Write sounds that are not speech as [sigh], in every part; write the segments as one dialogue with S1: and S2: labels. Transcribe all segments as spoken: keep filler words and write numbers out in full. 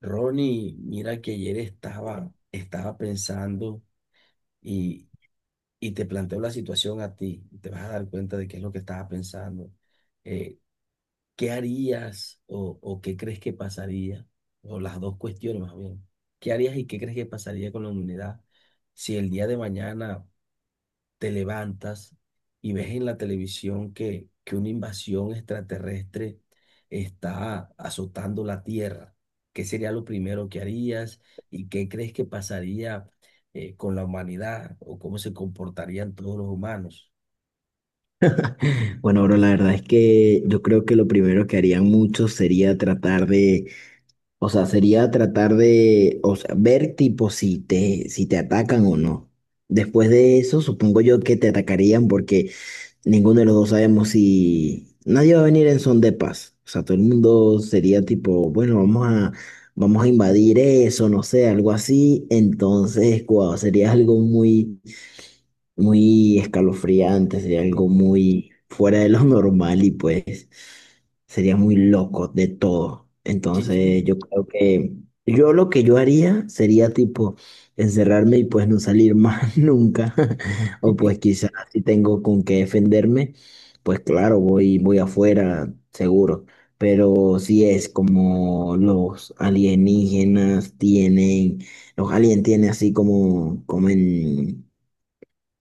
S1: Ronnie, mira que ayer estaba, estaba pensando y, y te planteo la situación a ti. Te vas a dar cuenta de qué es lo que estaba pensando. Eh, ¿Qué harías o, o qué crees que pasaría? O las dos cuestiones más bien. ¿Qué harías y qué crees que pasaría con la humanidad si el día de mañana te levantas y ves en la televisión que, que una invasión extraterrestre está azotando la Tierra? ¿Qué sería lo primero que harías y qué crees que pasaría eh, con la humanidad o cómo se comportarían todos los humanos?
S2: Bueno, bro, la verdad es que yo creo que lo primero que harían muchos sería tratar de, o sea, sería tratar de, o sea, ver tipo si te, si te atacan o no. Después de eso, supongo yo que te atacarían porque ninguno de los dos sabemos si nadie va a venir en son de paz. O sea, todo el mundo sería tipo, bueno, vamos a, vamos a invadir eso, no sé, algo así. Entonces, guau, sería algo muy muy escalofriante, sería
S1: Sí.
S2: algo muy fuera de lo normal y pues sería muy loco de todo.
S1: Sí, sí.
S2: Entonces yo creo que yo lo que yo haría sería tipo encerrarme y pues no salir más [laughs] nunca. [laughs] O pues
S1: [laughs]
S2: quizás si tengo con qué defenderme, pues claro, voy, voy afuera, seguro. Pero si es como los alienígenas tienen, los aliens tienen así como, como en,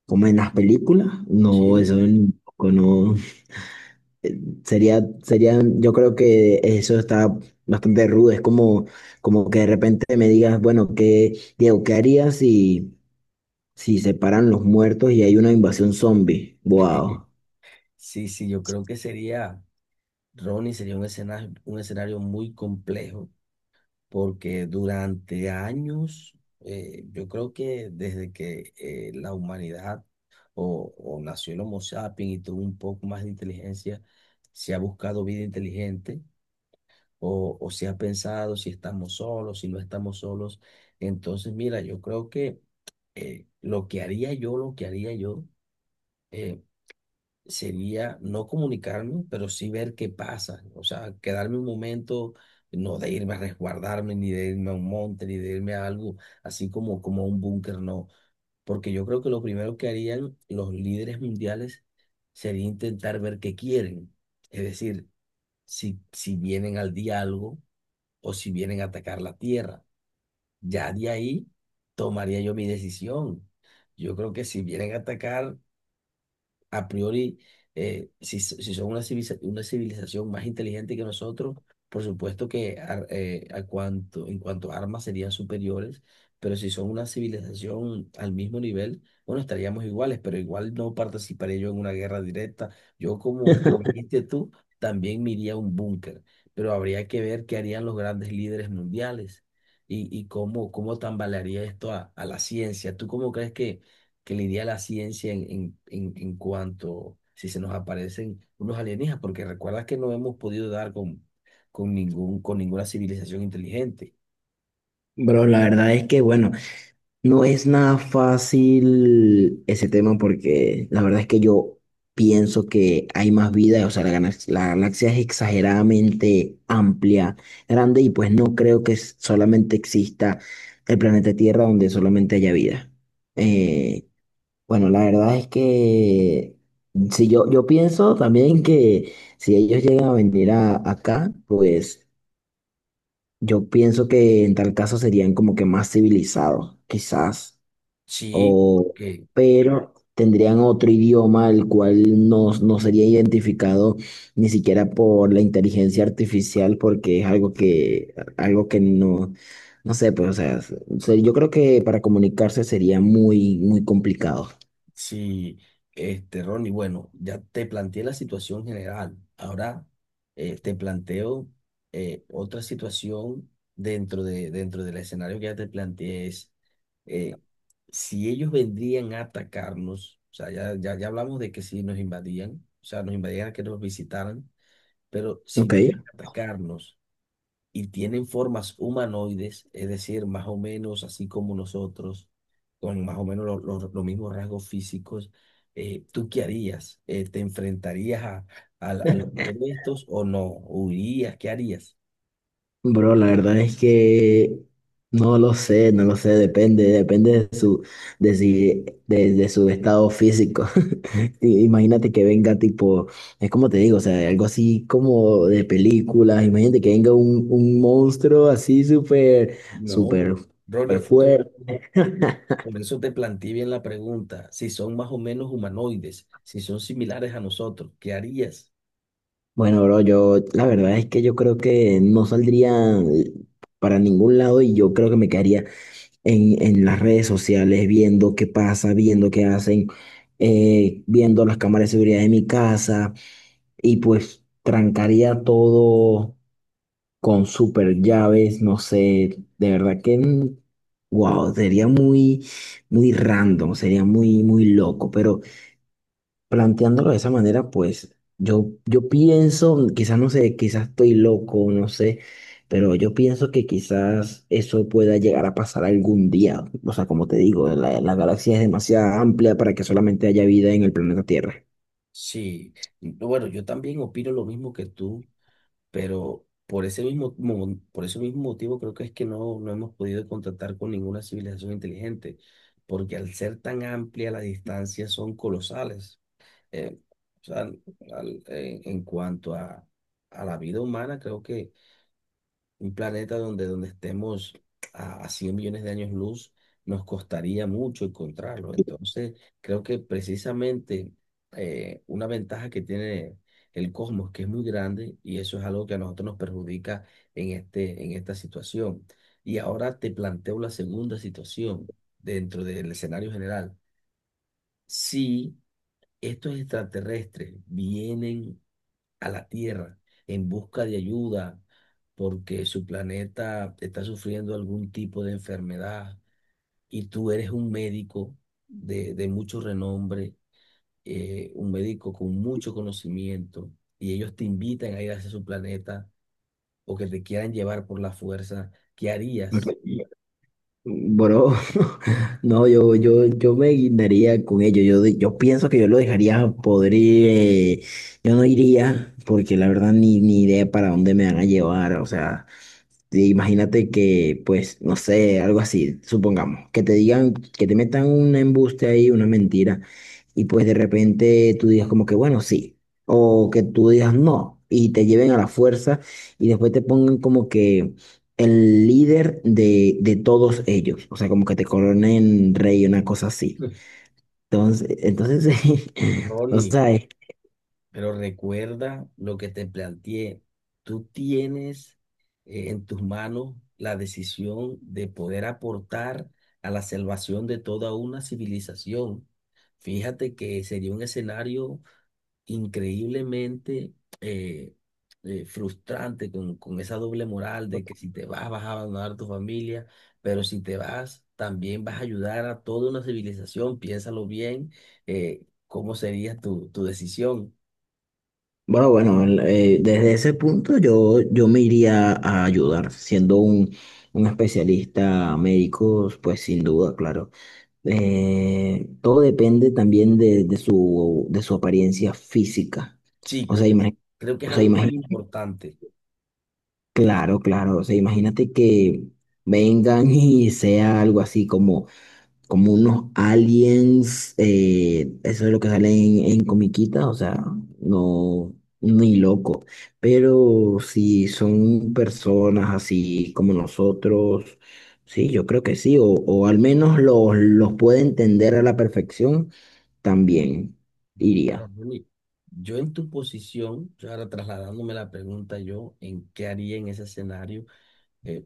S2: como en las películas, no,
S1: Sí.
S2: eso en- no eh, sería, sería, yo creo que eso está bastante rudo, es como, como que de repente me digas, bueno, ¿qué, ¿Diego, qué harías si, si se paran los muertos y hay una invasión zombie? Wow.
S1: Sí, sí, yo creo que sería, Ronnie, sería un escenario, un escenario muy complejo porque durante años, eh, yo creo que desde que eh, la humanidad o, o nació el Homo sapiens y tuvo un poco más de inteligencia, se ha buscado vida inteligente o, o se ha pensado si estamos solos, si no estamos solos. Entonces, mira, yo creo que eh, lo que haría yo, lo que haría yo, eh, sería no comunicarme, pero sí ver qué pasa. O sea, quedarme un momento, no de irme a resguardarme, ni de irme a un monte, ni de irme a algo así como, como a un búnker, no. Porque yo creo que lo primero que harían los líderes mundiales sería intentar ver qué quieren. Es decir, si, si vienen al diálogo o si vienen a atacar la tierra. Ya de ahí tomaría yo mi decisión. Yo creo que si vienen a atacar a priori, eh, si, so- si son una civiliza- una civilización más inteligente que nosotros, por supuesto que ar- eh, a cuanto, en cuanto a armas serían superiores, pero si son una civilización al mismo nivel, bueno, estaríamos iguales, pero igual no participaré yo en una guerra directa. Yo, como dijiste tú, también me iría a un búnker, pero habría que ver qué harían los grandes líderes mundiales. Y, y cómo, cómo tambalearía esto a, a la ciencia. ¿Tú cómo crees que que lidia la ciencia en, en, en, en cuanto si se nos aparecen unos alienígenas, porque recuerda que no hemos podido dar con, con, ningún, con ninguna civilización inteligente?
S2: Bro, la verdad es que, bueno, no es nada fácil ese tema porque la verdad es que yo pienso que hay más vida, o sea, la, galax- la galaxia es exageradamente amplia, grande y pues no creo que s- solamente exista el planeta Tierra donde solamente haya vida.
S1: ¿No?
S2: Eh, bueno, la verdad es que si yo, yo pienso también que si ellos llegan a venir a, acá, pues yo pienso que en tal caso serían como que más civilizados, quizás
S1: Sí.
S2: o,
S1: Ok.
S2: pero tendrían otro idioma el cual no, no sería identificado ni siquiera por la inteligencia artificial porque es algo que, algo que no, no sé, pues, o sea, se- yo creo que para comunicarse sería muy, muy complicado.
S1: Sí, este, Ronnie, bueno, ya te planteé la situación general. Ahora eh, te planteo eh, otra situación dentro de, dentro del escenario que ya te planteé es eh, si ellos vendrían a atacarnos, o sea, ya, ya, ya hablamos de que si nos invadían, o sea, nos invadían a que nos visitaran, pero si vienen
S2: Ok.
S1: a atacarnos y tienen formas humanoides, es decir, más o menos así como nosotros, con más o menos lo- lo- los mismos rasgos físicos, eh, ¿tú qué harías? Eh, ¿te enfrentarías a, a- a
S2: [laughs]
S1: alguno de estos o no? ¿Huirías? ¿Qué harías?
S2: Bro, la verdad es que no lo sé, no lo sé, depende, depende de su, de si- de de su estado físico. Sí, imagínate que venga tipo, es como te digo, o sea, algo así como de películas, imagínate que venga un, un monstruo así súper,
S1: No.
S2: súper,
S1: No, Ronnie,
S2: súper
S1: escúchame.
S2: fuerte.
S1: Por eso te planteé bien la pregunta, si son más o menos humanoides, si son similares a nosotros, ¿qué harías?
S2: Bueno, bro, yo la verdad es que yo creo que no saldría para ningún lado y yo creo que me quedaría en, en las redes sociales viendo qué pasa, viendo qué hacen, eh, viendo las cámaras de seguridad de mi casa y pues trancaría todo con super llaves, no sé, de verdad que, mm, wow, sería muy, muy random, sería muy, muy loco, pero planteándolo de esa manera, pues yo, yo pienso, quizás no sé, quizás estoy loco, no sé, pero yo pienso que quizás eso pueda llegar a pasar algún día, o sea, como te digo, la, la galaxia es demasiado amplia para que solamente haya vida en el planeta Tierra.
S1: Sí, bueno, yo también opino lo mismo que tú. Pero por ese mismo, mo- por ese mismo motivo creo que es que no, no hemos podido contactar con ninguna civilización inteligente, porque al ser tan amplia las distancias son colosales. Eh, o sea, al- en, en cuanto a, a la vida humana, creo que un planeta donde, donde estemos a, a cien millones de años luz, nos costaría mucho encontrarlo. Entonces, creo que precisamente eh, una ventaja que tiene el cosmos, que es muy grande, y eso es algo que a nosotros nos perjudica en este, en esta situación. Y ahora te planteo la segunda situación dentro del escenario general. Si estos extraterrestres vienen a la Tierra en busca de ayuda porque su planeta está sufriendo algún tipo de enfermedad y tú eres un médico de, de mucho renombre, eh, un médico con mucho conocimiento y ellos te invitan a ir hacia su planeta o que te quieran llevar por la fuerza, ¿qué
S2: Ok.
S1: harías?
S2: Bro, [laughs] no, yo, yo, yo me guindaría con ello. Yo, de- yo pienso que yo lo dejaría podrir. eh, yo no iría, porque la verdad ni, ni idea para dónde me van a llevar. O sea, sí, imagínate que, pues, no sé, algo así, supongamos, que te digan, que te metan un embuste ahí, una mentira, y pues de repente tú digas como que, bueno, sí, o que tú digas no, y te lleven a la fuerza, y después te pongan como que el líder de, de todos ellos, o sea, como que te coronen rey, una cosa así.
S1: [laughs]
S2: Entonces, entonces, [laughs] o
S1: Ronnie,
S2: sea, eh,
S1: pero recuerda lo que te planteé. Tú tienes eh, en tus manos la decisión de poder aportar a la salvación de toda una civilización. Fíjate que sería un escenario increíblemente eh, eh, frustrante con, con esa doble moral de que si te vas vas a abandonar tu familia, pero si te vas también vas a ayudar a toda una civilización. Piénsalo bien, eh, cómo sería tu, tu decisión.
S2: bueno, bueno, el- eh, desde ese punto yo, yo me iría a ayudar, siendo un, un especialista médico, pues sin duda, claro. Eh, todo depende también de, de su, de su apariencia física.
S1: Sí,
S2: O sea,
S1: creo que,
S2: imagínate,
S1: creo que
S2: o
S1: es
S2: sea,
S1: algo muy
S2: imagi-
S1: importante.
S2: claro, claro, o sea, imagínate que vengan [laughs] y sea algo así como como unos aliens, eh, eso es lo que sale en, en comiquita, o sea, no, ni loco, pero si son personas así como nosotros, sí, yo creo que sí, o, o al menos los, los puede entender a la perfección, también
S1: Bueno,
S2: iría.
S1: Ronnie, yo en tu posición, yo ahora trasladándome la pregunta, yo en qué haría en ese escenario, eh,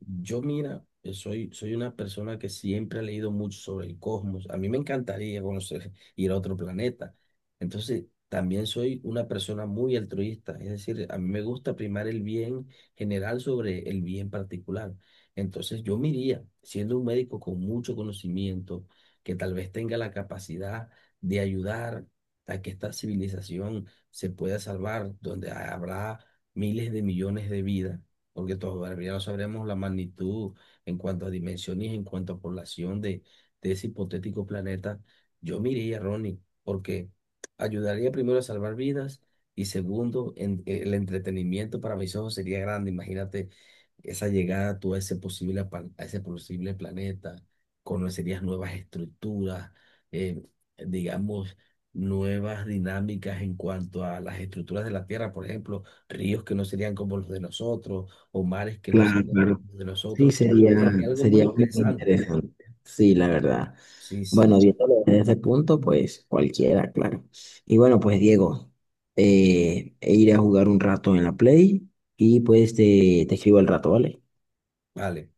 S1: yo mira, eh, soy, soy una persona que siempre ha leído mucho sobre el cosmos. A mí me encantaría conocer, [laughs] ir a otro planeta. Entonces, también soy una persona muy altruista. Es decir, a mí me gusta primar el bien general sobre el bien particular. Entonces, yo me iría, siendo un médico con mucho conocimiento, que tal vez tenga la capacidad de ayudar a que esta civilización se pueda salvar, donde habrá miles de millones de vidas porque todavía no sabremos la magnitud en cuanto a dimensiones, en cuanto a población de, de ese hipotético planeta, yo me iría, Ronnie, porque ayudaría primero a salvar vidas y segundo, en- el entretenimiento para mis ojos sería grande. Imagínate esa llegada tú a ese posible, pa- a ese posible planeta, conocerías nuevas estructuras, eh, digamos, nuevas dinámicas en cuanto a las estructuras de la Tierra, por ejemplo ríos que no serían como los de nosotros, o mares que no
S2: Claro,
S1: sean como
S2: claro.
S1: de
S2: Sí,
S1: nosotros,
S2: sería,
S1: sería algo muy
S2: sería muy
S1: interesante.
S2: interesante. Sí, la verdad.
S1: Sí,
S2: Bueno,
S1: sí,
S2: viéndolo desde ese punto, pues cualquiera, claro. Y bueno, pues Diego, eh, e iré a jugar un rato en la Play y pues te, te escribo al rato, ¿vale?
S1: vale.